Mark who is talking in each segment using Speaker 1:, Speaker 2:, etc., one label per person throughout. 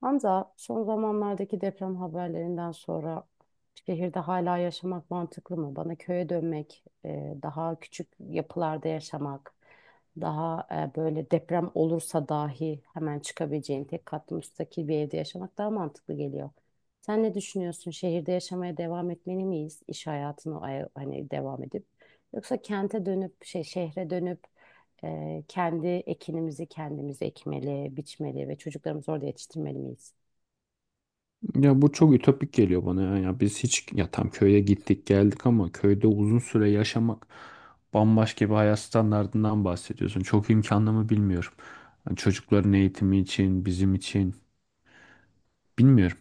Speaker 1: Hamza, son zamanlardaki deprem haberlerinden sonra şehirde hala yaşamak mantıklı mı? Bana köye dönmek, daha küçük yapılarda yaşamak, daha böyle deprem olursa dahi hemen çıkabileceğin tek katlı müstakil bir evde yaşamak daha mantıklı geliyor. Sen ne düşünüyorsun? Şehirde yaşamaya devam etmeli miyiz? İş hayatına hani devam edip yoksa kente dönüp şehre dönüp kendi ekinimizi kendimiz ekmeli, biçmeli ve çocuklarımızı orada yetiştirmeli miyiz?
Speaker 2: Ya bu çok ütopik geliyor bana ya. Ya biz hiç ya tam köye gittik geldik ama köyde uzun süre yaşamak bambaşka bir hayat standardından bahsediyorsun. Çok imkanlı mı bilmiyorum. Hani çocukların eğitimi için, bizim için bilmiyorum.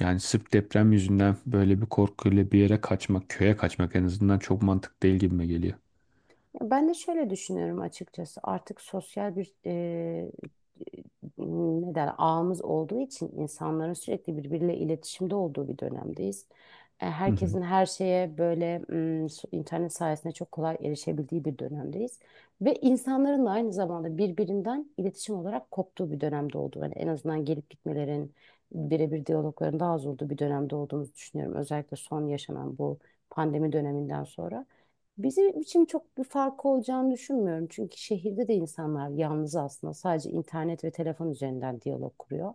Speaker 2: Yani sırf deprem yüzünden böyle bir korkuyla bir yere kaçmak, köye kaçmak en azından çok mantıklı değil gibime geliyor.
Speaker 1: Ben de şöyle düşünüyorum açıkçası. Artık sosyal bir ne der ağımız olduğu için insanların sürekli birbiriyle iletişimde olduğu bir dönemdeyiz.
Speaker 2: Hı hı.
Speaker 1: Herkesin her şeye böyle internet sayesinde çok kolay erişebildiği bir dönemdeyiz. Ve insanların da aynı zamanda birbirinden iletişim olarak koptuğu bir dönemde olduğu. Yani en azından gelip gitmelerin, birebir diyalogların daha az olduğu bir dönemde olduğumuzu düşünüyorum. Özellikle son yaşanan bu pandemi döneminden sonra. Bizim için çok bir farkı olacağını düşünmüyorum. Çünkü şehirde de insanlar yalnız aslında sadece internet ve telefon üzerinden diyalog kuruyor.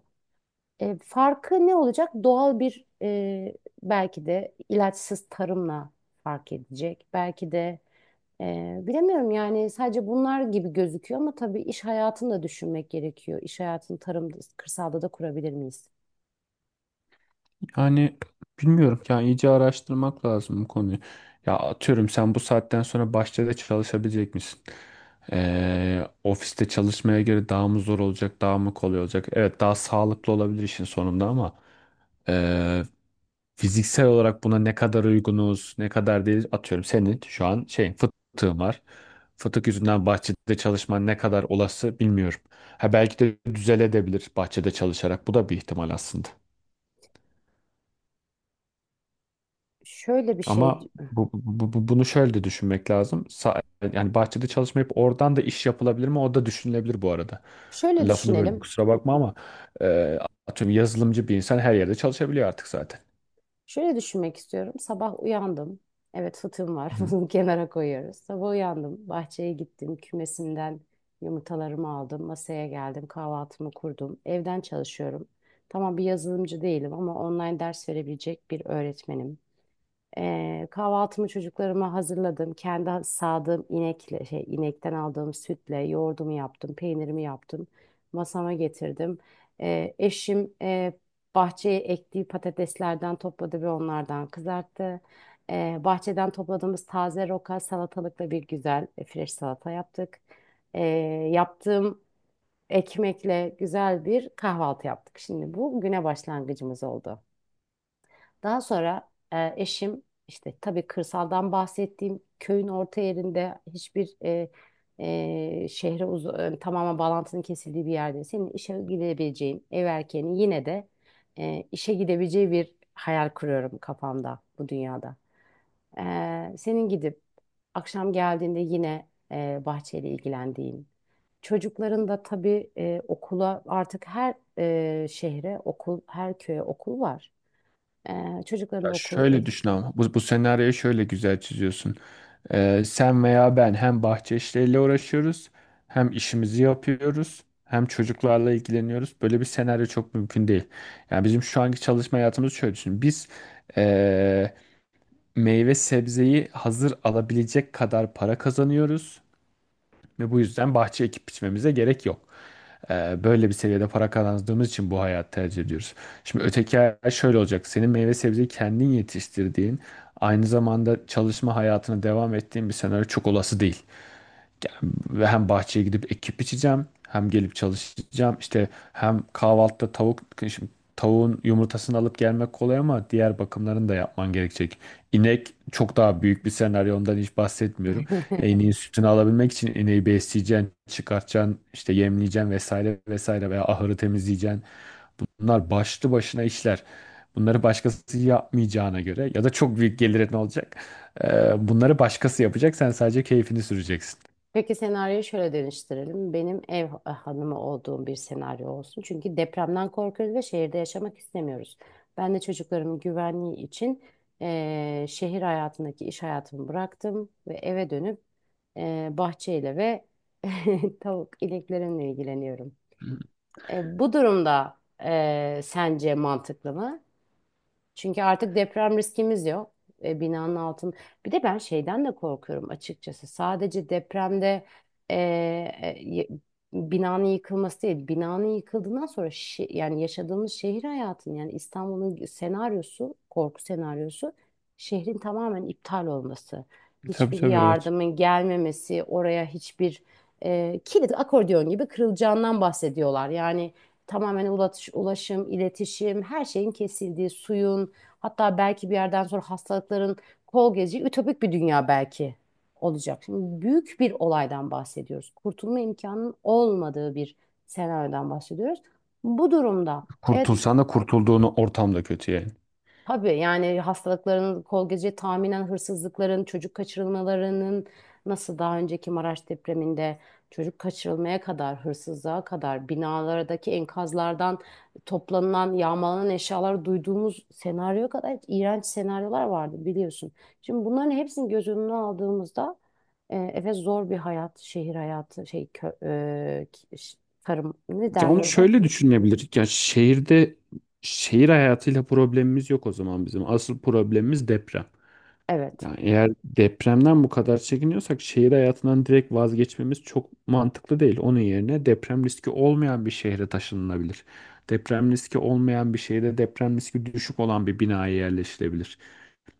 Speaker 1: Farkı ne olacak? Doğal bir belki de ilaçsız tarımla fark edecek. Belki de bilemiyorum yani sadece bunlar gibi gözüküyor ama tabii iş hayatını da düşünmek gerekiyor. İş hayatını tarımda, kırsalda da kurabilir miyiz?
Speaker 2: Yani bilmiyorum yani iyice araştırmak lazım bu konuyu. Ya atıyorum sen bu saatten sonra bahçede çalışabilecek misin? Ofiste çalışmaya göre daha mı zor olacak, daha mı kolay olacak? Evet daha sağlıklı olabilir işin sonunda ama ee, fiziksel olarak buna ne kadar uygunuz, ne kadar değil, atıyorum senin şu an şey fıtığın var. Fıtık yüzünden bahçede çalışman ne kadar olası bilmiyorum. Ha belki de düzeledebilir bahçede çalışarak. Bu da bir ihtimal aslında.
Speaker 1: Şöyle bir
Speaker 2: Ama
Speaker 1: şey,
Speaker 2: bunu şöyle de düşünmek lazım. Yani bahçede çalışmayıp oradan da iş yapılabilir mi? O da düşünülebilir bu arada.
Speaker 1: şöyle
Speaker 2: Lafını böyle
Speaker 1: düşünelim.
Speaker 2: kusura bakma ama e, atıyorum yazılımcı bir insan her yerde çalışabiliyor artık zaten.
Speaker 1: Şöyle düşünmek istiyorum. Sabah uyandım. Evet fıtığım var.
Speaker 2: Hı.
Speaker 1: Bunu kenara koyuyoruz. Sabah uyandım. Bahçeye gittim. Kümesimden yumurtalarımı aldım. Masaya geldim. Kahvaltımı kurdum. Evden çalışıyorum. Tamam bir yazılımcı değilim ama online ders verebilecek bir öğretmenim. Kahvaltımı çocuklarıma hazırladım. Kendi sağdığım inekle, inekten aldığım sütle yoğurdumu yaptım, peynirimi yaptım. Masama getirdim. Eşim bahçeye ektiği patateslerden topladı ve onlardan kızarttı. Bahçeden topladığımız taze roka salatalıkla bir güzel fresh salata yaptık. Ee, Yaptığım ekmekle güzel bir kahvaltı yaptık. Şimdi bu güne başlangıcımız oldu. Daha sonra eşim işte tabii kırsaldan bahsettiğim köyün orta yerinde hiçbir tamamen bağlantının kesildiği bir yerde senin işe gidebileceğin ev erkeğinin yine de işe gidebileceği bir hayal kuruyorum kafamda bu dünyada. Senin gidip akşam geldiğinde yine bahçeyle ilgilendiğin çocukların da tabii okula artık her şehre okul her köye okul var. Çocukların
Speaker 2: Ya
Speaker 1: da okul
Speaker 2: şöyle düşün ama bu senaryoyu şöyle güzel çiziyorsun. Sen veya ben hem bahçe işleriyle uğraşıyoruz, hem işimizi yapıyoruz, hem çocuklarla ilgileniyoruz. Böyle bir senaryo çok mümkün değil. Yani bizim şu anki çalışma hayatımız şöyle düşün. Biz meyve sebzeyi hazır alabilecek kadar para kazanıyoruz ve bu yüzden bahçe ekip biçmemize gerek yok. Böyle bir seviyede para kazandığımız için bu hayatı tercih ediyoruz. Şimdi öteki hayat şöyle olacak. Senin meyve sebzeyi kendin yetiştirdiğin, aynı zamanda çalışma hayatına devam ettiğin bir senaryo çok olası değil. Ve hem bahçeye gidip ekip biçeceğim, hem gelip çalışacağım. İşte hem kahvaltıda tavuk, şimdi tavuğun yumurtasını alıp gelmek kolay ama diğer bakımlarını da yapman gerekecek. İnek çok daha büyük bir senaryo, ondan hiç bahsetmiyorum. Ya İneğin sütünü alabilmek için ineği besleyeceksin, çıkartacaksın, işte yemleyeceksin vesaire vesaire veya ahırı temizleyeceksin. Bunlar başlı başına işler. Bunları başkası yapmayacağına göre ya da çok büyük gelirin olacak. Bunları başkası yapacak, sen sadece keyfini süreceksin.
Speaker 1: Peki senaryoyu şöyle değiştirelim. Benim ev hanımı olduğum bir senaryo olsun. Çünkü depremden korkuyoruz ve şehirde yaşamak istemiyoruz. Ben de çocuklarımın güvenliği için şehir hayatındaki iş hayatımı bıraktım ve eve dönüp bahçeyle ve tavuk ineklerimle ilgileniyorum. Bu durumda sence mantıklı mı? Çünkü artık deprem riskimiz yok. E, binanın altın. Bir de ben şeyden de korkuyorum açıkçası. Sadece depremde e, e, y- binanın yıkılması değil. Binanın yıkıldığından sonra yani yaşadığımız şehir hayatının yani İstanbul'un senaryosu, korku senaryosu şehrin tamamen iptal olması.
Speaker 2: Tabii
Speaker 1: Hiçbir
Speaker 2: tabii, evet.
Speaker 1: yardımın gelmemesi, oraya hiçbir kilit akordeon gibi kırılacağından bahsediyorlar. Yani tamamen ulaşım, iletişim, her şeyin kesildiği, suyun, hatta belki bir yerden sonra hastalıkların kol gezeceği ütopik bir dünya belki olacak. Şimdi büyük bir olaydan bahsediyoruz. Kurtulma imkanının olmadığı bir senaryodan bahsediyoruz. Bu durumda evet.
Speaker 2: Kurtulsan da kurtulduğunu ortam da kötü yani.
Speaker 1: Tabii yani hastalıkların kol gece tahminen hırsızlıkların, çocuk kaçırılmalarının nasıl daha önceki Maraş depreminde çocuk kaçırılmaya kadar, hırsızlığa kadar binalardaki enkazlardan toplanılan, yağmalanan eşyalar duyduğumuz senaryoya kadar iğrenç senaryolar vardı biliyorsun. Şimdi bunların hepsini göz önüne aldığımızda evet zor bir hayat, şehir hayatı, şey kö, e, ki- ş- tarım ne
Speaker 2: Ya
Speaker 1: derler
Speaker 2: onu
Speaker 1: oraya?
Speaker 2: şöyle düşünebilir. Ya şehirde şehir hayatıyla problemimiz yok o zaman bizim. Asıl problemimiz deprem.
Speaker 1: Evet.
Speaker 2: Yani eğer depremden bu kadar çekiniyorsak şehir hayatından direkt vazgeçmemiz çok mantıklı değil. Onun yerine deprem riski olmayan bir şehre taşınılabilir. Deprem riski olmayan bir şehirde deprem riski düşük olan bir binaya yerleşilebilir.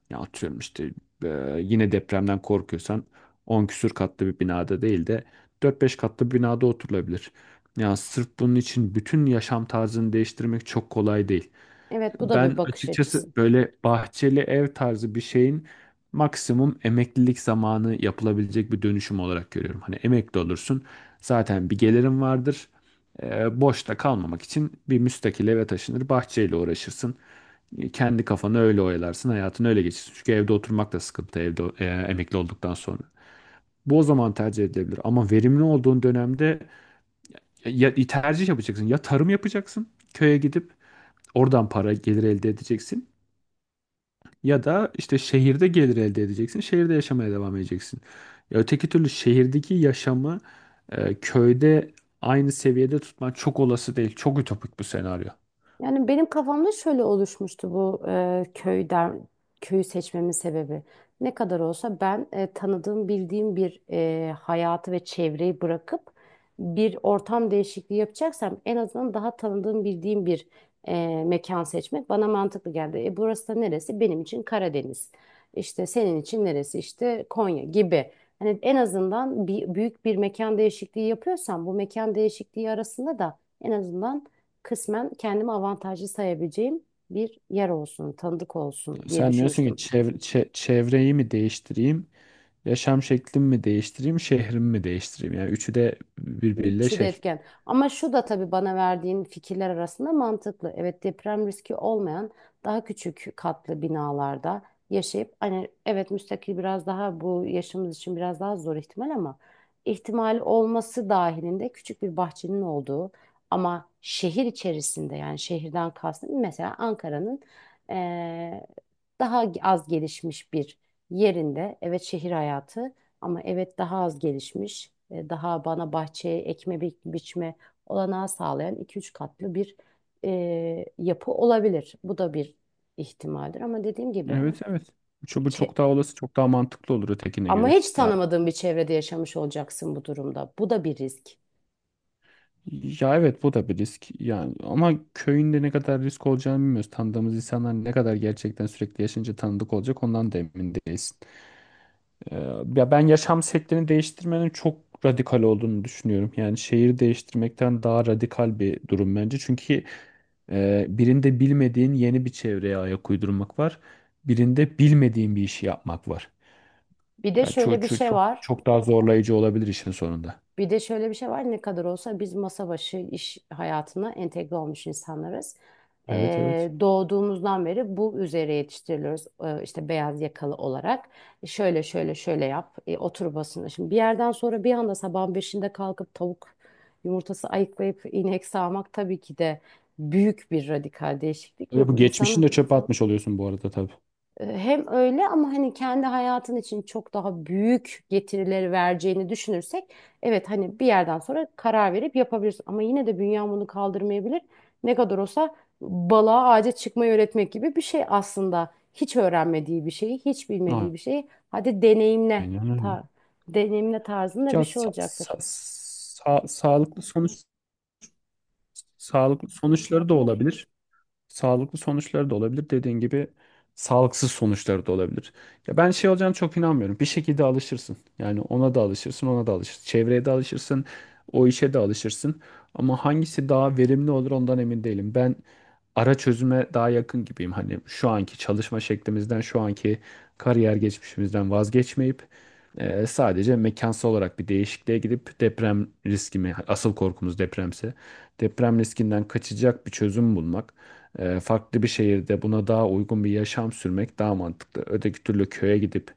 Speaker 2: Ya atıyorum işte e, yine depremden korkuyorsan 10 küsür katlı bir binada değil de dört beş katlı bir binada oturulabilir. Ya sırf bunun için bütün yaşam tarzını değiştirmek çok kolay değil.
Speaker 1: Evet bu da bir
Speaker 2: Ben
Speaker 1: bakış
Speaker 2: açıkçası
Speaker 1: açısı.
Speaker 2: böyle bahçeli ev tarzı bir şeyin maksimum emeklilik zamanı yapılabilecek bir dönüşüm olarak görüyorum. Hani emekli olursun zaten bir gelirin vardır. Boşta kalmamak için bir müstakil eve taşınır bahçeyle uğraşırsın. Kendi kafanı öyle oyalarsın hayatını öyle geçirsin. Çünkü evde oturmak da sıkıntı evde emekli olduktan sonra. Bu o zaman tercih edilebilir ama verimli olduğun dönemde ya tercih yapacaksın ya tarım yapacaksın köye gidip oradan para gelir elde edeceksin. Ya da işte şehirde gelir elde edeceksin. Şehirde yaşamaya devam edeceksin. Ya öteki türlü şehirdeki yaşamı köyde aynı seviyede tutman çok olası değil. Çok ütopik bu senaryo.
Speaker 1: Yani benim kafamda şöyle oluşmuştu bu köyü seçmemin sebebi. Ne kadar olsa ben tanıdığım, bildiğim bir hayatı ve çevreyi bırakıp bir ortam değişikliği yapacaksam en azından daha tanıdığım, bildiğim bir mekan seçmek bana mantıklı geldi. E, burası da neresi? Benim için Karadeniz. İşte senin için neresi? İşte Konya gibi. Hani en azından bir, büyük bir mekan değişikliği yapıyorsam bu mekan değişikliği arasında da en azından kısmen kendimi avantajlı sayabileceğim bir yer olsun, tanıdık olsun diye
Speaker 2: Sen diyorsun ki
Speaker 1: düşünmüştüm.
Speaker 2: çevreyi mi değiştireyim, yaşam şeklimi mi değiştireyim, şehrimi mi değiştireyim? Yani üçü de birbiriyle
Speaker 1: Üçü de
Speaker 2: şey.
Speaker 1: etken. Ama şu da tabii bana verdiğin fikirler arasında mantıklı. Evet deprem riski olmayan daha küçük katlı binalarda yaşayıp hani evet müstakil biraz daha bu yaşımız için biraz daha zor ihtimal ama ihtimal olması dahilinde küçük bir bahçenin olduğu ama şehir içerisinde yani şehirden kastım mesela Ankara'nın eee, daha az gelişmiş bir yerinde evet şehir hayatı ama evet daha az gelişmiş, daha bana bahçeye ekme biçme olanağı sağlayan iki üç katlı bir yapı olabilir. Bu da bir ihtimaldir ama dediğim gibi
Speaker 2: Evet, evet. Bu
Speaker 1: çe-
Speaker 2: çok daha olası, çok daha mantıklı olur ötekine
Speaker 1: ama
Speaker 2: göre.
Speaker 1: hiç
Speaker 2: Yani
Speaker 1: tanımadığın bir çevrede yaşamış olacaksın bu durumda. Bu da bir risk.
Speaker 2: ya evet bu da bir risk yani ama köyünde ne kadar risk olacağını bilmiyoruz. Tanıdığımız insanlar ne kadar gerçekten sürekli yaşayınca tanıdık olacak ondan da emin değilsin. Ee, ya ben yaşam şeklini değiştirmenin çok radikal olduğunu düşünüyorum. Yani şehir değiştirmekten daha radikal bir durum bence. Çünkü birinde bilmediğin yeni bir çevreye ayak uydurmak var. Birinde bilmediğin bir işi yapmak var.
Speaker 1: Bir de
Speaker 2: Ya
Speaker 1: şöyle
Speaker 2: çok
Speaker 1: bir
Speaker 2: çok
Speaker 1: şey
Speaker 2: çok
Speaker 1: var.
Speaker 2: çok daha zorlayıcı olabilir işin sonunda.
Speaker 1: Bir de şöyle bir şey var ne kadar olsa biz masa başı iş hayatına entegre olmuş insanlarız.
Speaker 2: Evet, evet.
Speaker 1: Doğduğumuzdan beri bu üzere yetiştiriliyoruz, işte beyaz yakalı olarak. Şöyle şöyle şöyle yap, otur basına. Şimdi bir yerden sonra bir anda sabahın beşinde kalkıp tavuk yumurtası ayıklayıp inek sağmak tabii ki de büyük bir radikal değişiklik
Speaker 2: Ve
Speaker 1: ve
Speaker 2: bu
Speaker 1: bu insanın
Speaker 2: geçmişini de çöpe atmış oluyorsun bu arada tabii.
Speaker 1: hem öyle ama hani kendi hayatın için çok daha büyük getirileri vereceğini düşünürsek evet hani bir yerden sonra karar verip yapabilirsin ama yine de bünyen bunu kaldırmayabilir. Ne kadar olsa balığa ağaca çıkmayı öğretmek gibi bir şey aslında. Hiç öğrenmediği bir şeyi, hiç bilmediği bir şeyi hadi deneyimle
Speaker 2: Aynen öyle.
Speaker 1: tar deneyimle tarzında bir
Speaker 2: Ya
Speaker 1: şey
Speaker 2: sa- sa-
Speaker 1: olacaktır.
Speaker 2: sa- sağlıklı sağlıklı sonuçları da olabilir. Sağlıklı sonuçları da olabilir. Dediğin gibi sağlıksız sonuçları da olabilir. Ya ben şey olacağını çok inanmıyorum. Bir şekilde alışırsın. Yani ona da alışırsın, ona da alışırsın. Çevreye de alışırsın, o işe de alışırsın. Ama hangisi daha verimli olur ondan emin değilim. Ben ara çözüme daha yakın gibiyim. Hani şu anki çalışma şeklimizden, şu anki kariyer geçmişimizden vazgeçmeyip sadece mekansal olarak bir değişikliğe gidip deprem riskimi, asıl korkumuz depremse, deprem riskinden kaçacak bir çözüm bulmak, farklı bir şehirde buna daha uygun bir yaşam sürmek daha mantıklı. Öteki türlü köye gidip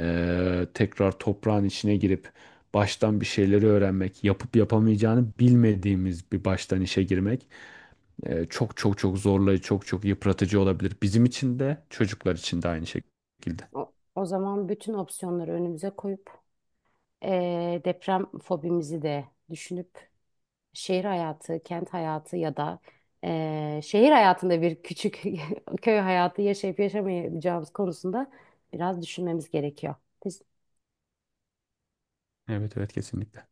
Speaker 2: tekrar toprağın içine girip baştan bir şeyleri öğrenmek, yapıp yapamayacağını bilmediğimiz bir baştan işe girmek çok çok çok zorlayıcı, çok çok yıpratıcı olabilir. Bizim için de çocuklar için de aynı şekilde.
Speaker 1: O zaman bütün opsiyonları önümüze koyup deprem fobimizi de düşünüp şehir hayatı, kent hayatı ya da şehir hayatında bir küçük köy hayatı yaşayıp yaşamayacağımız konusunda biraz düşünmemiz gerekiyor.
Speaker 2: Evet, evet, kesinlikle.